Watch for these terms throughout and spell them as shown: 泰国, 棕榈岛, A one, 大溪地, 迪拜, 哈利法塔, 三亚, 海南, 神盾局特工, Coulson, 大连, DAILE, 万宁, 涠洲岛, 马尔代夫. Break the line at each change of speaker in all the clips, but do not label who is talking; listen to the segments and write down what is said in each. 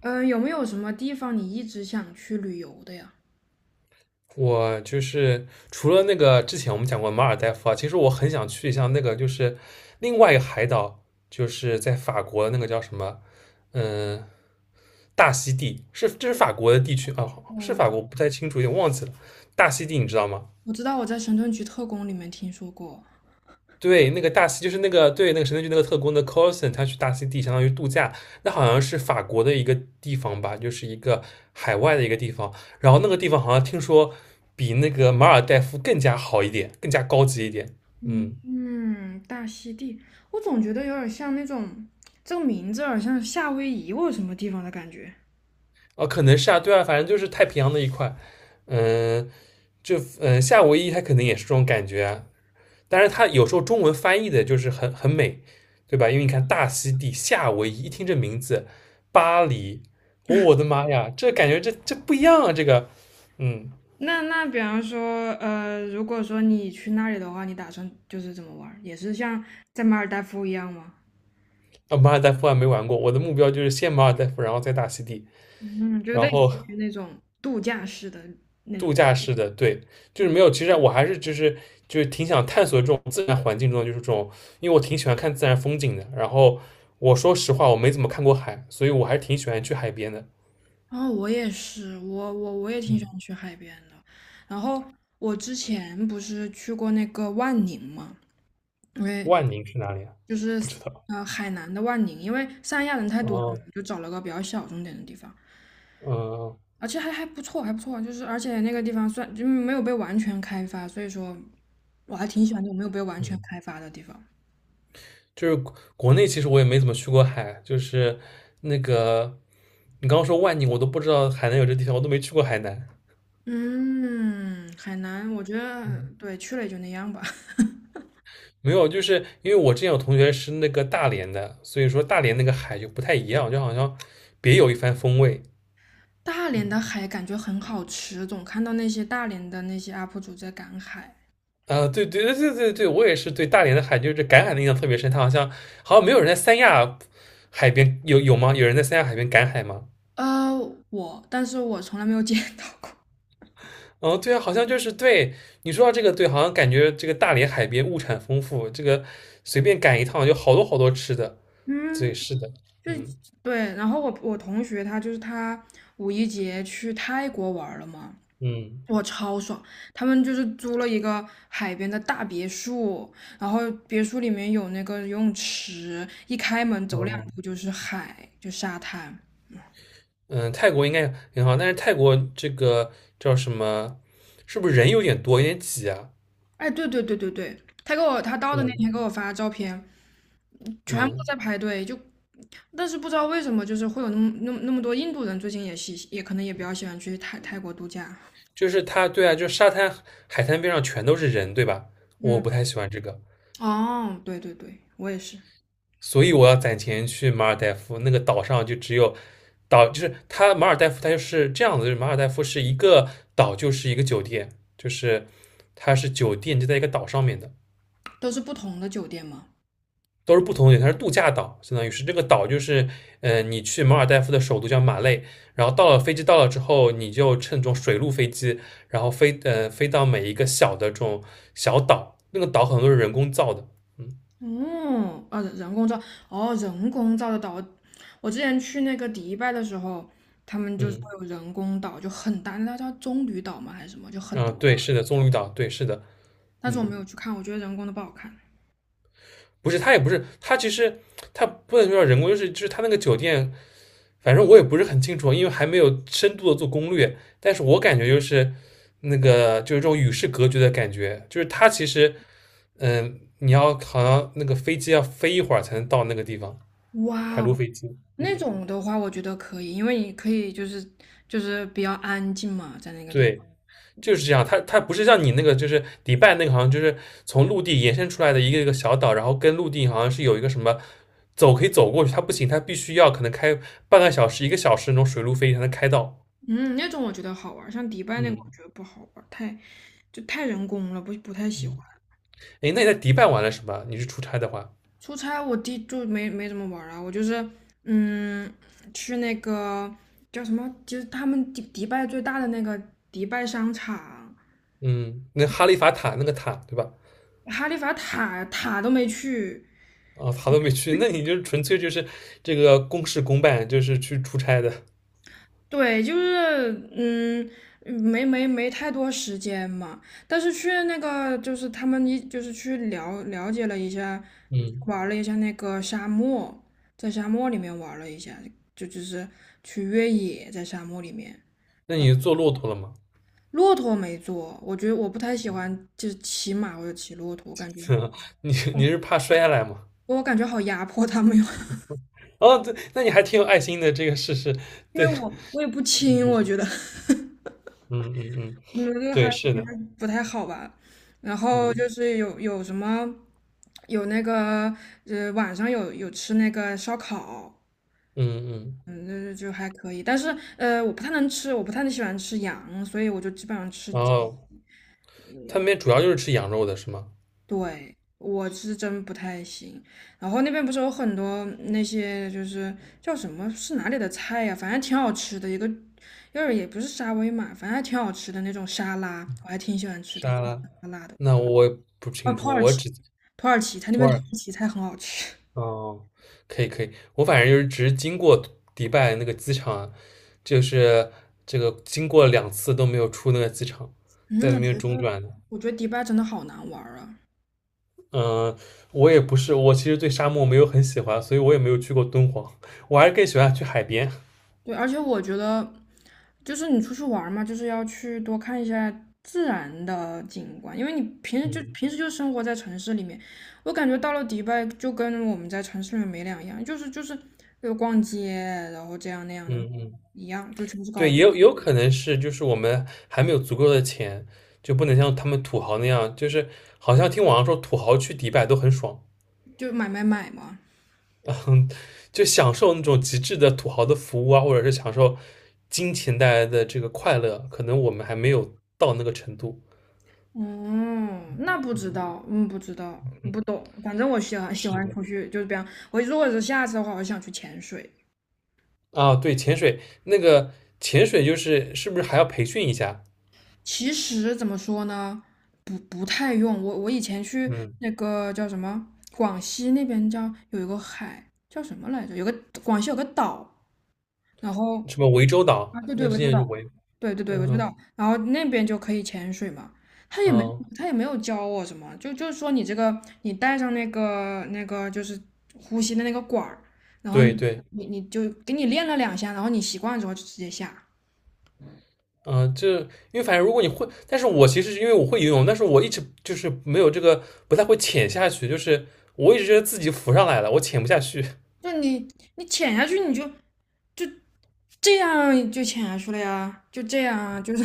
嗯，有没有什么地方你一直想去旅游的呀？
我就是除了那个之前我们讲过马尔代夫啊，其实我很想去一下那个就是另外一个海岛，就是在法国的那个叫什么，嗯、大溪地，这是法国的地区啊，是
我
法国不太清楚，有点忘记了。大溪地你知道吗？
我知道我在神盾局特工里面听说过。
对，那个大西就是那个对那个神盾局那个特工的 Coulson，他去大溪地相当于度假，那好像是法国的一个地方吧，就是一个海外的一个地方。然后那个地方好像听说比那个马尔代夫更加好一点，更加高级一点。
嗯
嗯，
嗯，大溪地，我总觉得有点像那种，这个名字有点像夏威夷或者什么地方的感觉。
哦，可能是啊，对啊，反正就是太平洋那一块。嗯，就夏威夷它可能也是这种感觉啊，但是它有时候中文翻译的就是很美，对吧？因为你看大溪地、夏威夷，一听这名字，巴黎，哦我的妈呀，这感觉这不一样啊！这个，嗯，
那比方说，如果说你去那里的话，你打算就是怎么玩儿也是像在马尔代夫一样吗？
啊，马尔代夫还没玩过，我的目标就是先马尔代夫，然后再大溪地，
嗯，就
然
类似
后
于那种度假式的那
度
种。
假式的，对，就是没有。其实我还是就是挺想探索这种自然环境中的，就是这种，因为我挺喜欢看自然风景的。然后我说实话，我没怎么看过海，所以我还是挺喜欢去海边的。
然后我也是，我也挺喜
嗯，
欢去海边的。然后我之前不是去过那个万宁嘛，因为
万宁是哪里啊？
就是
不知道。
呃海南的万宁，因为三亚人太多了嘛
哦，
就找了个比较小众点的地方，
嗯
而且还不错，还不错。就是而且那个地方算就没有被完全开发，所以说我还挺喜欢那种没有被完全
嗯，
开发的地方。
就是国内其实我也没怎么去过海，就是那个你刚刚说万宁，我都不知道海南有这地方，我都没去过海南。
嗯，海南我觉得
嗯，
对去了也就那样吧。
没有，就是因为我之前有同学是那个大连的，所以说大连那个海就不太一样，就好像别有一番风味。
大连的海感觉很好吃，总看到那些大连的那些 UP 主在赶海。
啊、对对对对对对，我也是对大连的海，就是赶海的印象特别深。它好像没有人在三亚海边有吗？有人在三亚海边赶海吗？
呃，我，但是我从来没有 见到过。
哦，对啊，好像就是对你说到这个，对，好像感觉这个大连海边物产丰富，这个随便赶一趟就好多好多吃的。对，
嗯，
是的，
就
嗯
对。然后我同学他就是他五一节去泰国玩了嘛，
嗯
我超爽。他们就是租了一个海边的大别墅，然后别墅里面有那个游泳池，一开门走两
哦
步就是海，就沙滩。
嗯，泰国应该很好，但是泰国这个叫什么，是不是人有点多，有点挤啊？
哎，对对对对对，他给我他到的那
嗯
天给我发照片，全部都
嗯，
在排队，就但是不知道为什么，就是会有那么多印度人，最近也喜也可能也比较喜欢去泰国度假。
就是它，对啊，就是海滩边上全都是人，对吧？我
嗯，
不太喜欢这个。
哦，对对对，我也是，
所以我要攒钱去马尔代夫那个岛上，就只有岛，就是它马尔代夫，它就是这样子，就是马尔代夫是一个岛，就是一个酒店，就是它是酒店就在一个岛上面的，
都是不同的酒店嘛。
都是不同的，它是度假岛，相当于是这个岛就是，你去马尔代夫的首都叫马累，然后到了飞机到了之后，你就乘这种水陆飞机，然后飞到每一个小的这种小岛，那个岛很多是人工造的，嗯
哦，啊，人工造，哦，人工造的岛，我之前去那个迪拜的时候，他们就是会
嗯
有人工岛，就很大，那叫棕榈岛吗还是什么，就很大，
啊、对，是的，棕榈岛，对，是的，
但是我没
嗯。
有去看，我觉得人工的不好看。
不是，他也不是，他其实他不能叫人工，就是他那个酒店，反正我也不是很清楚，因为还没有深度的做攻略。但是我感觉就是那个就是这种与世隔绝的感觉，就是他其实你要好像那个飞机要飞一会儿才能到那个地方，
哇
海陆
哦，
飞机，
那
嗯，
种的话，我觉得可以，因为你可以就是就是比较安静嘛，在那个地方。
对。就是这样，它不是像你那个，就是迪拜那个，好像就是从陆地延伸出来的一个一个小岛，然后跟陆地好像是有一个什么走可以走过去，它不行，它必须要可能开半个小时、一个小时那种水路飞才能开到。
嗯，那种我觉得好玩儿，像迪拜那个
嗯，
我觉得不好玩儿，太就太人工了，不太喜欢。
哎，那你在迪拜玩了什么？你是出差的话，
出差我弟就没怎么玩儿啊，我就是嗯去那个叫什么，就是他们迪拜最大的那个迪拜商场，
嗯，那哈利法塔那个塔对吧？
哈利法塔塔都没去，
啊、塔都没去，那你就纯粹就是这个公事公办，就是去出差的。
对，就是嗯，没太多时间嘛，但是去那个就是他们一就是去了了解了一下，
嗯，
玩了一下那个沙漠，在沙漠里面玩了一下，就就是去越野在沙漠里面，
那你坐骆驼了吗？
骆驼没坐，我觉得我不太喜欢就是骑马或者骑骆驼，我感觉
你
哦
你是怕摔下来吗？
我感觉好压迫他们哟，
哦，对，那你还挺有爱心的，这个事是，
因为
对，
我也不轻，我觉得。
嗯嗯嗯，
嗯，这个
对，
还不
是的，
是不太好吧？然后
嗯
就是有什么，有那个晚上有吃那个烧烤，
嗯嗯，
嗯，就是就还可以。但是我不太能吃，我不太喜欢吃羊，所以我就基本上吃
然
鸡。
后他们那边主要就是吃羊肉的是吗？
对，我是真不太行。然后那边不是有很多那些就是叫什么是哪里的菜呀、反正挺好吃的，一个就是也不是沙威玛，反正还挺好吃的那种沙拉，我还挺喜欢吃的，
沙拉？
酸辣的。
那我也不
哦，
清
土
楚，
耳
我
其。
只
土耳其，它那
土
边土
耳
耳其菜很好吃。
哦，可以可以，我反正就是只是经过迪拜那个机场啊，就是这个经过2次都没有出那个机场，在那
嗯，我
边
觉
中
得
转的。
我觉得迪拜真的好难玩儿啊。
嗯，我也不是，我其实对沙漠没有很喜欢，所以我也没有去过敦煌，我还是更喜欢去海边。
对，而且我觉得就是你出去玩儿嘛，就是要去多看一下自然的景观，因为你平时就
嗯
平时就生活在城市里面，我感觉到了迪拜就跟我们在城市里面没两样，就是就逛街，然后这样那样的
嗯嗯。
一样，就全是高，
对，也有可能是，就是我们还没有足够的钱，就不能像他们土豪那样，就是好像听网上说土豪去迪拜都很爽，
就买买买嘛。
嗯，就享受那种极致的土豪的服务啊，或者是享受金钱带来的这个快乐，可能我们还没有到那个程度。
嗯，那不知
嗯，
道，嗯，不知道，不懂。反正我喜欢喜
是
欢
的。
出去，就是比方我如果是下次的话，我想去潜水。
啊，对，潜水那个潜水就是是不是还要培训一下？
其实怎么说呢，不太用。我以前去
嗯，
那个叫什么，广西那边叫有一个海叫什么来着？有个广西有个岛，然后
什么涠洲岛
啊，对
那
对，
个事
涠洲
件
岛。对对对，我知
嗯
道。然后那边就可以潜水嘛，他也
啊，
没有
哦
他也没有教我什么，就就是说你这个你带上那个就是呼吸的那个管儿，然后
对对。
你就给你练了两下，然后你习惯了之后就直接下。
嗯、就因为反正如果你会，但是我其实是因为我会游泳，但是我一直就是没有这个，不太会潜下去，就是我一直觉得自己浮上来了，我潜不下去。
就你你潜下去就这样就潜下去了呀，就这样啊，就是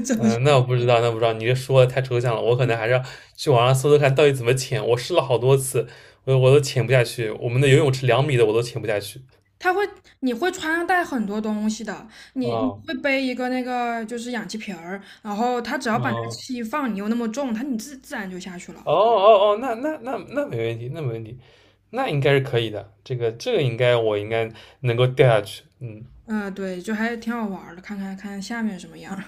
怎么去？
嗯，那我不知道，那我不知道，你这说的太抽象了，我可能还是要去网上搜搜看到底怎么潜。我试了好多次，我都潜不下去，我们的游泳池2米的我都潜不下去。
他会你会穿戴很多东西的，你
哦，
会背一个那个就是氧气瓶儿，然后他只要把那个
哦，
气一放，你又那么重，他你自然就下去了。
哦哦哦，那没问题，那没问题，那应该是可以的，这个应该我应该能够掉下去，嗯。
嗯，对，就还挺好玩儿的，看看下面什么样儿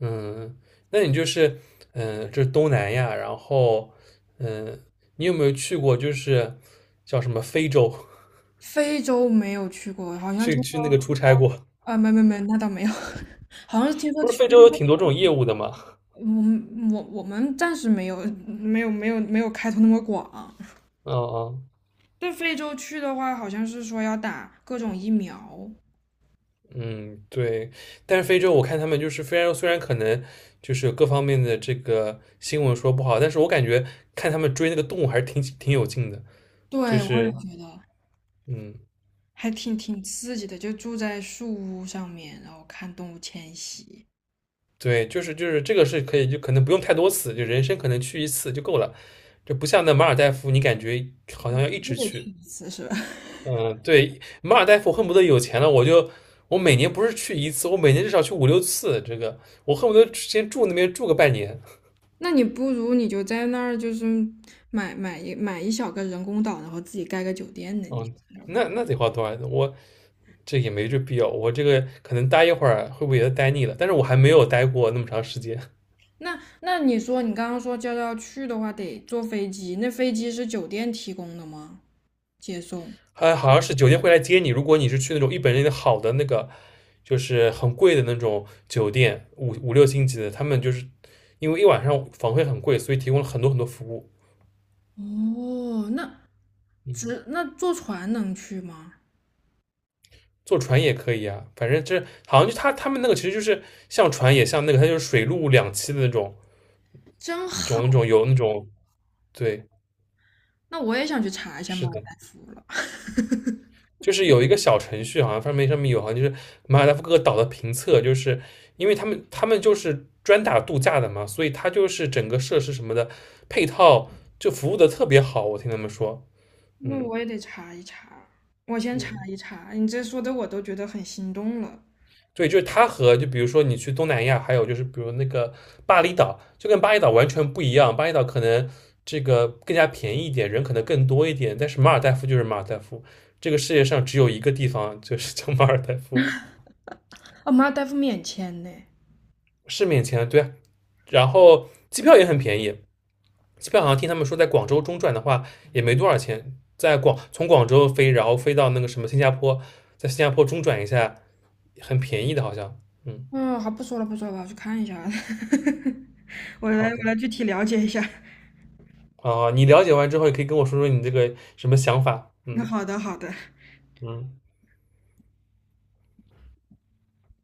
嗯，那你就是这是东南亚，然后嗯，你有没有去过就是叫什么非洲？
非洲没有去过，好 像
去
听
去那
说
个出差过？
啊，没，那倒没有，好像是听说
不是
去，
非洲有挺多这种业务的吗？
我们暂时没有开拓那么广。
嗯嗯
对非洲去的话，好像是说要打各种疫苗。
嗯，对。但是非洲我看他们就是非洲，虽然可能就是各方面的这个新闻说不好，但是我感觉看他们追那个动物还是挺有劲的，
对，
就
我也
是。
觉得
嗯。
还挺刺激的，就住在树屋上面，然后看动物迁徙，
对，就是这个是可以，就可能不用太多次，就人生可能去一次就够了。就不像那马尔代夫，你感觉好像要一
你
直
得去
去。
一次是吧？
嗯，对，马尔代夫恨不得有钱了，我每年不是去一次，我每年至少去5、6次。这个我恨不得先住那边住个半年。
那你不如你就在那儿，就是买一小个人工岛，然后自己盖个酒店呢。你
哦，那得花多少钱？我这也没这必要。我这个可能待一会儿会不会也待腻了？但是我还没有待过那么长时间。
那那你说你刚刚说就要去的话，得坐飞机，那飞机是酒店提供的吗？接送？
好像是酒店会来接你。如果你是去那种一本正的好的那个，就是很贵的那种酒店，五六星级的，他们就是因为一晚上房费很贵，所以提供了很多很多服务。
哦，那只那坐船能去吗？
坐船也可以啊，反正这好像就他们那个其实就是像船也像那个，它就是水陆两栖的那种，
真
种那
好，
种有那种对，
那我也想去查一下
是
马尔
的。
代夫了。
就是有一个小程序，好像上面有，好像就是马尔代夫各个岛的评测，就是因为他们就是专打度假的嘛，所以它就是整个设施什么的配套就服务的特别好，我听他们说，
那
嗯
我也得查一查，我先查
嗯，
一查。你这说的我都觉得很心动了。
对，就是它和就比如说你去东南亚，还有就是比如那个巴厘岛，就跟巴厘岛完全不一样，巴厘岛可能这个更加便宜一点，人可能更多一点，但是马尔代夫就是马尔代夫，这个世界上只有一个地方就是叫马尔代夫。
哦，马尔代夫免签呢？
是免签，对啊，然后机票也很便宜，机票好像听他们说在广州中转的话也没多少钱，从广州飞，然后飞到那个什么新加坡，在新加坡中转一下，很便宜的，好像。嗯，
嗯，好，不说了，不说了，我要去看一下。我来，
好
我
的。
来具体了解一下。
啊，你了解完之后也可以跟我说说你这个什么想法。
那
嗯
好的，好的。
嗯。